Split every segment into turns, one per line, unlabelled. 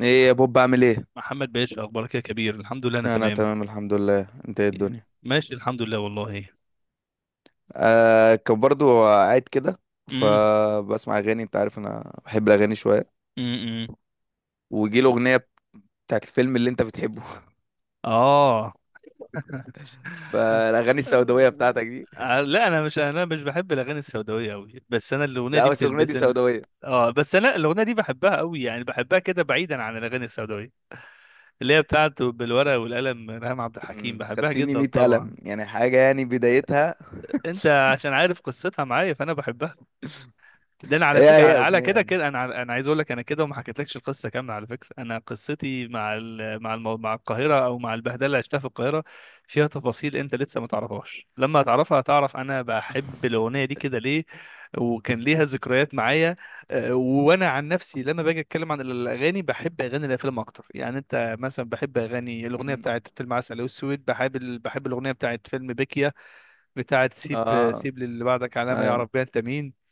ايه يا
مح-
بوب، عامل ايه؟
محمد باشا، اخبارك يا كبير؟ الحمد لله، انا
انا
تمام.
تمام الحمد لله، انت ايه الدنيا؟
ماشي الحمد لله والله.
آه، كان برضو قاعد كده.
امم.
فبسمع اغاني، انت عارف انا بحب الاغاني شويه.
امم.
وجي الاغنيه بتاعت الفيلم اللي انت بتحبه.
اه.
فالاغاني السوداويه بتاعتك دي.
آه، لا، انا مش بحب الاغاني السوداويه قوي، بس انا الاغنيه
لا،
دي
بس الاغنيه دي
بتلبسني.
سوداويه.
اه بس انا الاغنيه دي بحبها قوي، يعني بحبها كده بعيدا عن الاغاني السوداويه اللي هي بتاعته، بالورقه والقلم، ريهام عبد الحكيم بحبها
خدتني
جدا
100 قلم،
طبعا.
يعني حاجه، يعني بدايتها.
انت عشان عارف قصتها معايا فانا بحبها. ده انا على
هي
فكره،
هي
على كده
اغنيه.
كده انا انا عايز اقول لك انا كده، وما حكيتلكش القصه كامله على فكره. انا قصتي مع القاهره، او مع البهدله اللي عشتها في القاهره، فيها تفاصيل انت لسه ما تعرفهاش. لما هتعرفها هتعرف انا بحب الاغنيه دي كده ليه، وكان ليها ذكريات معايا. وانا عن نفسي لما باجي اتكلم عن الاغاني بحب اغاني الافلام اكتر. يعني انت مثلا، بحب اغاني الاغنيه
مم.
بتاعت فيلم عسل اسود، بحب بحب الاغنيه بتاعت فيلم بيكيا، بتاعت سيب،
اه.
سيب للي بعدك علامه
أيوة.
يعرف بيها انت مين.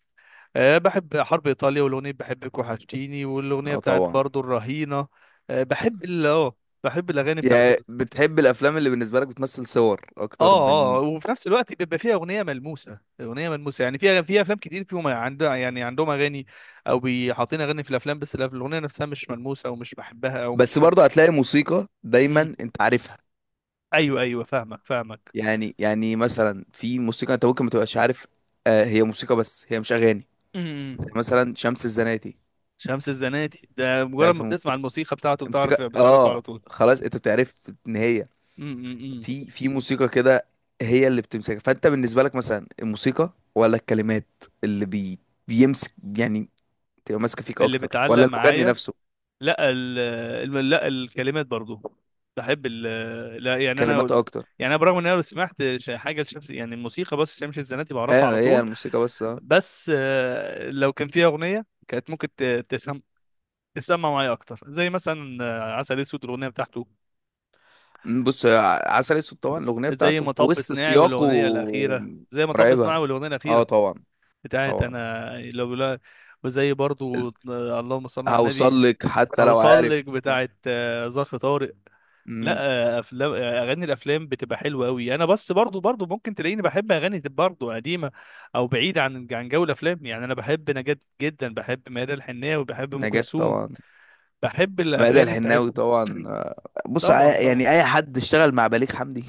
أه بحب حرب إيطاليا، والأغنية بحبك وحشتيني، والأغنية
اه،
بتاعت
طبعا.
برضو الرهينة. أه بحب ال اه بحب الأغاني بتاعت
يعني
ال
بتحب الافلام اللي بالنسبه لك بتمثل صور
اه
اكتر
اه آه،
من.
وفي نفس الوقت بيبقى فيها أغنية ملموسة، أغنية ملموسة. يعني فيها، في أفلام كتير فيهم عندها، يعني عندهم أغاني، أو بيحاطين أغاني في الأفلام بس الأغنية نفسها مش ملموسة، أو مش بحبها، أو
بس
مش...
برضه هتلاقي موسيقى
مم.
دايما انت عارفها.
أيوه أيوه، فاهمك فاهمك.
يعني مثلا في موسيقى انت ممكن ما تبقاش عارف. آه، هي موسيقى بس هي مش اغاني.
مم.
زي مثلا شمس الزناتي.
شمس الزناتي ده مجرد
تعرف
ما
الموسيقى.
بتسمع الموسيقى بتاعته بتعرف بتعرفه
اه
على طول.
خلاص انت بتعرف ان هي
مم. مم. مم.
في موسيقى كده. هي اللي بتمسكك، فانت بالنسبه لك مثلا الموسيقى ولا الكلمات اللي بي، بيمسك يعني، تبقى ماسكه فيك
اللي
اكتر
بتعلق
ولا المغني
معايا،
نفسه؟
لا ال لا الكلمات برضو. بحب ال لا يعني انا
كلماته اكتر.
يعني انا، برغم ان انا لو سمعت حاجه لشمس، يعني الموسيقى بس، شمس الزناتي بعرفها على
ايوه، هي
طول.
الموسيقى بس، اه.
بس آه، لو كان فيها اغنيه كانت ممكن تسمع معايا اكتر، زي مثلا عسل اسود الاغنيه بتاعته.
بص عسل اسود، طبعا الاغنيه
زي
بتاعته في
مطب
وسط
صناعي
سياقه.
والاغنيه الاخيره، زي مطب صناعي
مرعبه.
والاغنيه
اه
الاخيره،
طبعا.
بتاعت
طبعا.
انا لو لا. وزي برضو اللهم صل على النبي.
هوصل لك حتى لو
هوصل
عارف.
لك بتاعت ظرف طارق.
مم.
لا افلام، اغاني الافلام بتبقى حلوه قوي. انا بس برضو برضو ممكن تلاقيني بحب اغاني دي برضو قديمه، او بعيده عن عن جو الافلام. يعني انا بحب نجاة جدا، بحب ميادة الحناوي، بحب ام
نجاة
كلثوم،
طبعا.
بحب
مادة
الاغاني
الحناوي
بتاعتهم.
طبعا. بص
طبعا طبعا.
يعني اي حد اشتغل مع بليغ حمدي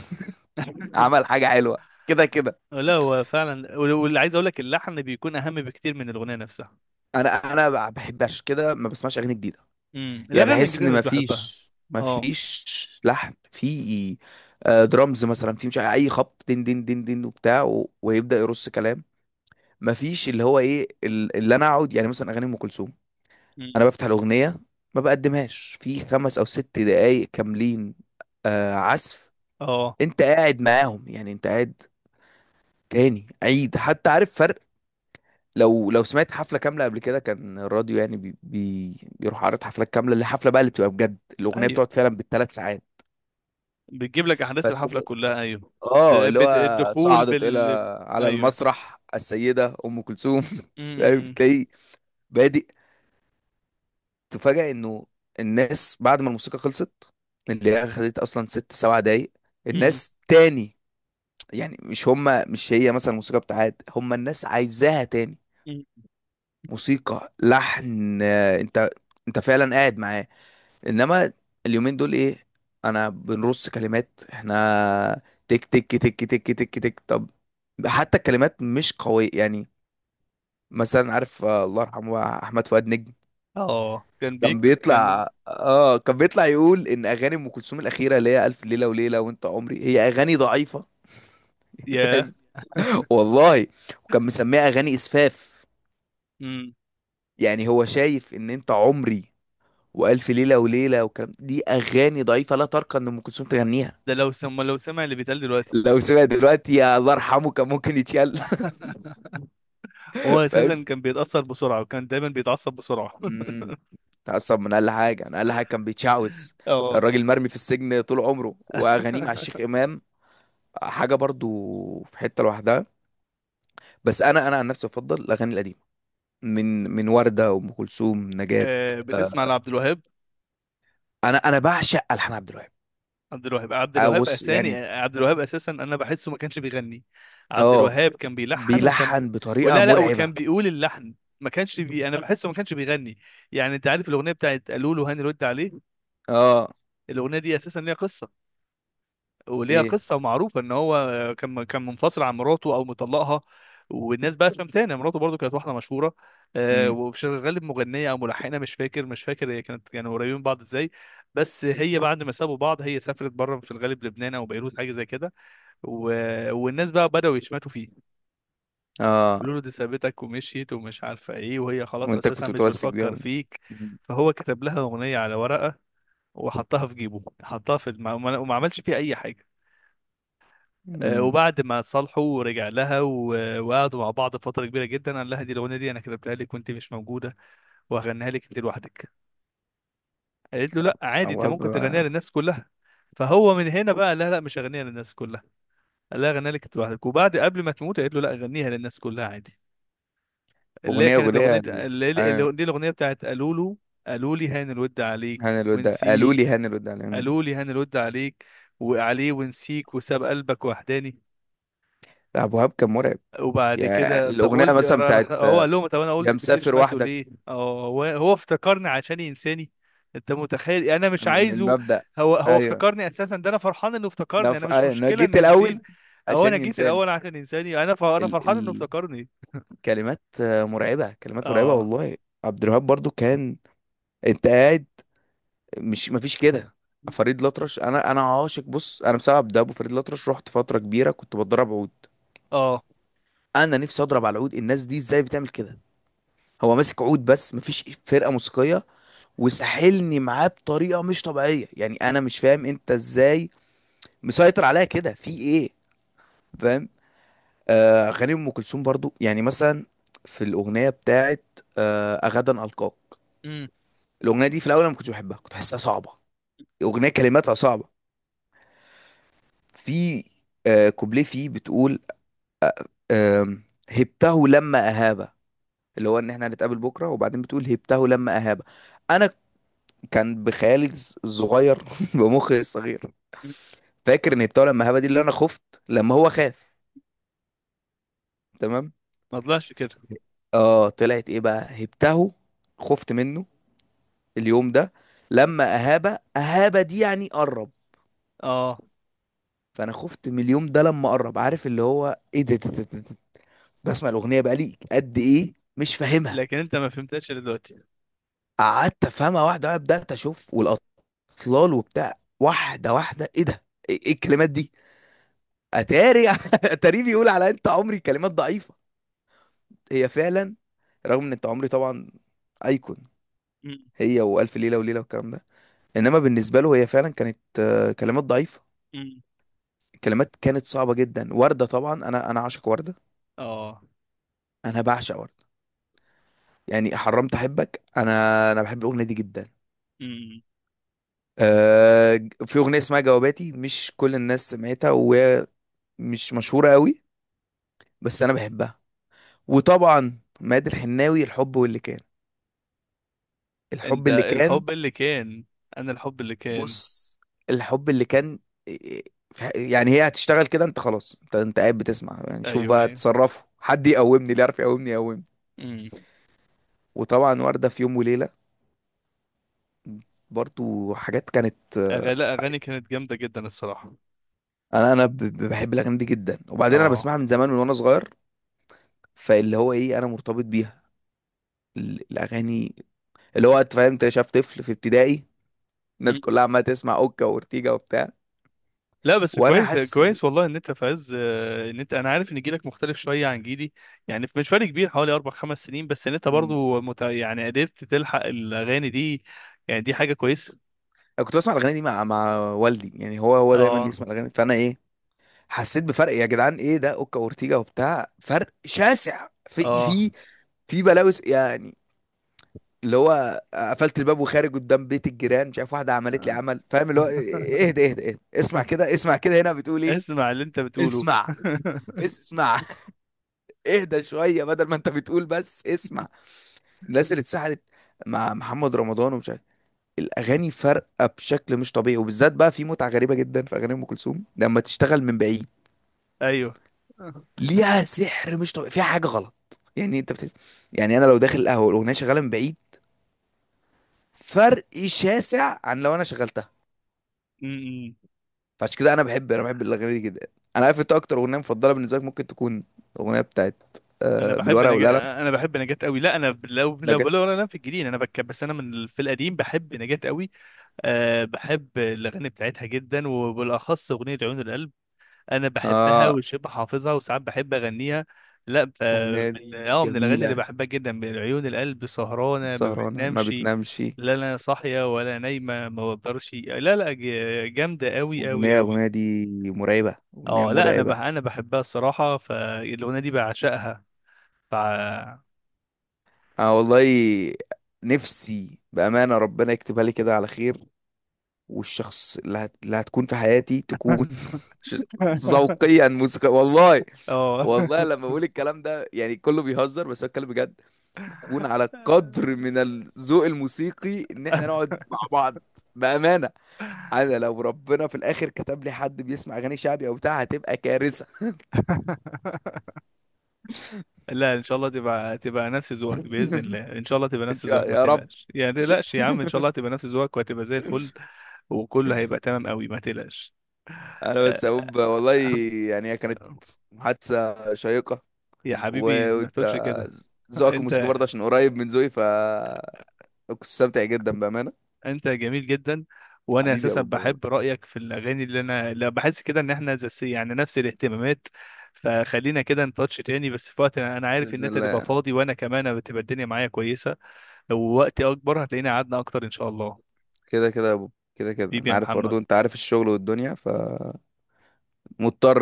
عمل حاجة حلوة كده كده.
لا هو فعلا، واللي عايز اقول لك، اللحن بيكون اهم بكتير من الاغنيه نفسها.
انا ما بحبش كده، ما بسمعش اغاني جديدة.
امم،
يعني
الاغاني
بحس
الجديده
ان
مش
ما
بحبها.
فيش، ما
اه.
فيش لحن في، آه، درامز مثلا، في مش عارف اي خبط دين دين دين دين وبتاع ويبدأ يرص كلام. ما فيش اللي هو ايه اللي انا اقعد يعني مثلا اغاني ام كلثوم.
مم.
انا بفتح الاغنيه ما بقدمهاش في خمس او ست دقايق كاملين، آه عزف،
اه
انت قاعد معاهم يعني انت قاعد تاني عيد حتى عارف فرق. لو سمعت حفله كامله قبل كده، كان الراديو يعني بي بي بيروح عارض حفلات كامله، اللي حفله بقى اللي بتبقى بجد الاغنيه
ايوه،
بتقعد فعلا بالثلاث ساعات.
بتجيب لك احداث الحفله
فتلاقي-
كلها، ايوه.
اه اللي هو
الدخول
صعدت الى،
بال...
على
ايوه.
المسرح السيده ام كلثوم. فاهم؟
امم.
تلاقي بادئ تفاجأ انه الناس بعد ما الموسيقى خلصت، اللي هي خدت اصلا ست سبع دقايق، الناس تاني، يعني مش هما، مش هي مثلا الموسيقى بتاعت، هما الناس عايزاها تاني.
مم.
موسيقى لحن، آه، انت انت فعلا قاعد معاه. انما اليومين دول ايه؟ انا بنرص كلمات، احنا تك تك تك تك تك تك طب. حتى الكلمات مش قوية يعني. مثلا عارف، آه، الله يرحمه، احمد فؤاد نجم،
اه كان
كان
بيكتب،
بيطلع اه كان بيطلع يقول ان اغاني ام كلثوم الاخيره، اللي هي الف ليله وليله وانت عمري، هي اغاني ضعيفه.
ياه.
فاهم؟ والله. وكان مسميها اغاني اسفاف.
امم.
يعني هو شايف ان انت عمري والف ليله وليله والكلام دي اغاني ضعيفه، لا ترقى ان ام كلثوم تغنيها.
ده لو سمع، لو سمع اللي بيتقال دلوقتي.
لو سمع دلوقتي، يا الله يرحمه، كان ممكن يتشل.
هو
فاهم؟
اساسا كان بيتاثر بسرعه، وكان دايما بيتعصب بسرعه.
امم تعصب من اقل حاجه، انا اقل حاجه كان بيتشعوذ.
اه.
الراجل مرمي في السجن طول عمره، واغانيه مع الشيخ امام حاجه برضو في حته لوحدها. بس انا عن نفسي افضل الاغاني القديمه، من ورده وام كلثوم نجاة
آه، بتسمع
آه،
لعبد الوهاب؟
انا بعشق الحان عبد الوهاب.
عبد الوهاب، عبد
آه،
الوهاب
بص
اساني.
يعني،
عبد الوهاب اساسا انا بحسه ما كانش بيغني. عبد
اه،
الوهاب كان بيلحن،
بيلحن بطريقه
ولا لا،
مرعبه.
وكان بيقول اللحن. ما كانش بي... انا بحسه ما كانش بيغني. يعني انت عارف الاغنيه بتاعت قالوا له، هاني رد عليه.
اه،
الاغنيه دي اساسا ليها قصه، وليها
ايه،
قصه معروفه ان هو كان منفصل عن مراته، او مطلقها. والناس بقى شمتانه. مراته برضو كانت واحده مشهوره، آه،
امم
وشغاله مغنيه او ملحنه، مش فاكر، مش فاكر هي كانت يعني قريبين من بعض ازاي. بس هي بعد ما سابوا بعض هي سافرت بره، في الغالب لبنان او بيروت، حاجه زي كده. والناس بقى بداوا يشمتوا فيه،
اه.
بيقولوا له دي سابتك ومشيت ومش عارفه ايه، وهي خلاص
وانت
اساسا
كنت
مش
متمسك بيها.
بتفكر فيك.
مم.
فهو كتب لها اغنيه على ورقه، وحطها في جيبه، حطها وما عملش فيها اي حاجه. آه،
مم.
وبعد ما اتصالحوا رجع لها وقعدوا مع بعض فترة كبيرة جدا. قال لها دي الأغنية، دي أنا كتبتها لك وأنت مش موجودة، وهغنيها لك أنت لوحدك. قالت له لا عادي، أنت
ابواب،
ممكن تغنيها للناس كلها. فهو من هنا بقى، لا لا مش هغنيها للناس كلها، قال لها غنيها لك أنت لوحدك. وبعد، قبل ما تموت، قالت له لا غنيها للناس كلها عادي. اللي هي
اغنيه
كانت أغنية،
اغنيه آه،
دي الأغنية بتاعت قالوا له، قالوا لي هان الود عليك
هاني الوداع. قالوا لي
ونسيك،
هاني الوداع. مم.
قالوا لي هان الود عليك وعليه ونسيك، وساب قلبك وحداني.
لا، ابواب كان مرعب.
وبعد
يعني
كده، طب
الاغنيه
قلت
مثلا بتاعت
هو
آه،
قال لهم، طب انا
يا
قلت
مسافر
بتشمته
وحدك،
ليه؟ اه، هو افتكرني عشان ينساني. انت متخيل؟ يعني انا مش
من
عايزه.
المبدأ.
هو
ايوه.
افتكرني اساسا، ده انا فرحان انه
ده
افتكرني، انا مش
آه، انا
مشكله
جيت
انه ينسيني،
الاول
او
عشان
انا جيت
ينساني.
الاول عشان ينساني. انا ف... انا فرحان انه
ال...
افتكرني.
الكلمات، آه، مرعبه، كلمات مرعبه
اه.
والله. عبد الوهاب برضو كان، انت قاعد، مش مفيش كده. فريد الأطرش، انا عاشق، بص انا بسبب ده، ابو فريد الأطرش، رحت فتره كبيره كنت بتدرب عود.
اه.
انا نفسي اضرب على العود، الناس دي ازاي بتعمل كده؟ هو ماسك عود بس مفيش فرقه موسيقيه، وساحلني معاه بطريقه مش طبيعيه. يعني انا مش فاهم انت ازاي مسيطر عليا كده، في ايه؟ فاهم؟ آه، اغاني ام كلثوم برضو، يعني مثلا في الاغنيه بتاعت آه، غدا القاك.
امم.
الاغنيه دي في الاول انا ما كنتش بحبها، كنت بحسها صعبه. الاغنيه كلماتها صعبه، في آه كوبليه فيه بتقول، آه، هبته لما اهابه، اللي هو ان احنا هنتقابل بكره. وبعدين بتقول هبته لما اهابه. انا كان بخيالي الصغير، بمخي الصغير، فاكر ان هبته لما اهابه دي اللي انا خفت لما هو خاف. تمام.
ما طلعش كده.
اه، طلعت ايه بقى؟ هبته خفت منه، اليوم ده لما اهابه، اهابه دي يعني قرب.
اه.
فانا خفت من اليوم ده لما قرب. عارف اللي هو ايه؟ ده, ده, ده, ده, ده. بسمع الاغنيه بقالي قد ايه مش فاهمها.
لكن انت ما فهمتهاش إلا دلوقتي.
قعدت افهمها واحده واحده، بدات اشوف والاطلال وبتاع واحده واحده، ايه ده؟ ايه الكلمات دي؟ اتاري اتاري بيقول على انت عمري كلمات ضعيفه. هي فعلا، رغم ان انت عمري طبعا ايكون،
أمم.
هي والف ليله وليله والكلام ده، انما بالنسبه له هي فعلا كانت، آه، كلمات ضعيفه،
أمم.
كلمات كانت صعبة جدا. وردة طبعا، انا عاشق وردة،
اه.
انا بعشق وردة. يعني حرمت احبك انا، انا بحب الاغنية دي جدا.
أمم.
آه، في اغنية اسمها جواباتي، مش كل الناس سمعتها، وهي مش مشهورة قوي، بس انا بحبها. وطبعا ماد الحناوي، الحب واللي كان، الحب
انت
اللي كان.
الحب اللي كان، انا الحب اللي كان.
بص، الحب اللي كان. يعني هي هتشتغل كده، انت خلاص، انت قاعد بتسمع، يعني شوف بقى
ايوه
تصرفه. حد يقومني، اللي يعرف يقومني يقومني.
ايوه.
وطبعا وردة في يوم وليلة، برضو حاجات كانت، آه،
أغ... لا، أغاني كانت جامدة جدا الصراحة.
انا بحب الاغاني دي جدا. وبعدين انا
اه.
بسمعها من زمان، وانا صغير. فاللي هو ايه، انا مرتبط بيها، الاغاني. اللي هو انت فاهم، انت شايف طفل في ابتدائي، الناس
مم.
كلها عماله تسمع اوكا وورتيجا وبتاع،
لا بس
وانا
كويس،
حاسس إن-
كويس والله، ان انت في عز آه، ان انت، انا عارف ان جيلك مختلف شويه عن جيلي، يعني مش فرق كبير، حوالي اربع خمس سنين بس، ان انت
م،
برضو مت... يعني قدرت تلحق الاغاني دي، يعني دي حاجه كويسه.
انا كنت بسمع الاغاني دي مع والدي. يعني هو دايما
اه.
يسمع الاغاني، فانا ايه، حسيت بفرق. يا جدعان، ايه ده؟ اوكا وورتيجا وبتاع فرق شاسع في
اه.
في بلاوي يعني. اللي هو قفلت الباب وخارج قدام بيت الجيران، مش عارف واحده عملت لي عمل. فاهم اللي هو اهدى اهدى اهدى، اسمع كده، اسمع كده، هنا بتقول ايه؟
اسمع اللي انت بتقوله.
اسمع، اسمع. اهدى شويه، بدل ما انت بتقول بس اسمع. الناس اللي اتسحلت مع محمد رمضان، ومش عارف. الاغاني فارقه بشكل مش طبيعي، وبالذات بقى في متعه غريبه جدا في اغاني ام كلثوم لما تشتغل من بعيد،
ايوه.
ليها سحر مش طبيعي، فيها حاجه غلط يعني. انت بتحس، يعني انا لو داخل القهوه والاغنيه شغاله من بعيد، فرق شاسع عن لو انا شغلتها.
امم.
فعشان كده انا بحب الاغاني دي جدا. انا عارف انت اكتر اغنيه مفضله بالنسبه لك ممكن تكون الاغنيه بتاعت،
انا
آه،
بحب
بالورقه والقلم.
نجاة، انا بحب نجاة قوي. لا انا لو لو
نجا.
لو انا في الجديد انا بك، بس انا في القديم بحب نجاة قوي. أه بحب الأغاني بتاعتها جدا، وبالأخص أغنية عيون القلب، أنا بحبها
اه،
وشبه حافظها، وساعات بحب أغنيها. لا ف.
الاغنيه
من
دي
اه، من الأغاني اللي
جميله،
بحبها جدا من عيون القلب، سهرانة ما
سهرانه ما
بتنامش،
بتنامش،
لا أنا صاحية ولا نايمة ما بقدرش. لا لا، جامدة أوي أوي
اغنيه
أوي.
اغنيه دي، مرعبه، اغنيه
اه، لا
مرعبه.
أنا بحبها الصراحة، فالأغنية دي بعشقها. ف.
اه والله، نفسي بامانه ربنا يكتبها لي كده على خير، والشخص اللي هتكون في حياتي تكون ش- ذوقيا موسيقى والله.
اه.
والله لما بقول الكلام ده يعني كله بيهزر، بس أنا بتكلم بجد، يكون على قدر من الذوق الموسيقي ان احنا نقعد مع بعض. بأمانة، انا لو ربنا في الاخر كتب لي حد بيسمع اغاني شعبي او بتاع، هتبقى كارثة.
لا، ان شاء الله تبقى نفس ذوقك باذن الله، ان شاء الله تبقى
ان
نفس ذوقك،
شاء
ما
يا رب.
تقلقش، يعني ما تقلقش يا عم، ان شاء الله تبقى نفس ذوقك وهتبقى زي الفل، وكله هيبقى تمام قوي، ما تقلقش.
انا
آه.
بس اقول والله، يعني هي كانت
آه،
محادثة شيقة،
يا حبيبي ما
وانت
تقولش كده.
ذوقك الموسيقي
انت،
برضه، عشان قريب من ذوقي، ف، كنت مستمتع جدا بأمانة.
انت جميل جدا، وانا
حبيبي يا
اساسا
بوب والله.
بحب رايك في الاغاني اللي انا، لا بحس كده ان احنا زي، يعني نفس الاهتمامات. فخلينا كده نتاتش تاني بس في وقت، أنا عارف ان
بإذن
انت تبقى
الله.
فاضي، وانا كمان بتبقى الدنيا معايا كويسه. لو وقتي اكبر هتلاقينا قعدنا اكتر ان شاء الله.
كده كده يا بوب، كده كده،
حبيبي
انا
يا
عارف،
محمد،
برضه انت عارف الشغل والدنيا، فمضطر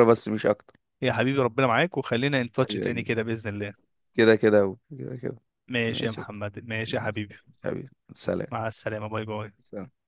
بس مش اكتر.
يا حبيبي ربنا معاك، وخلينا ان تاتش
حبيبي
تاني
يا،
كده باذن الله.
كده كده كده كده.
ماشي يا
ماشي.
محمد، ماشي يا
ماشي.
حبيبي،
حبيبي سلام.
مع السلامه، باي باي.
سلام.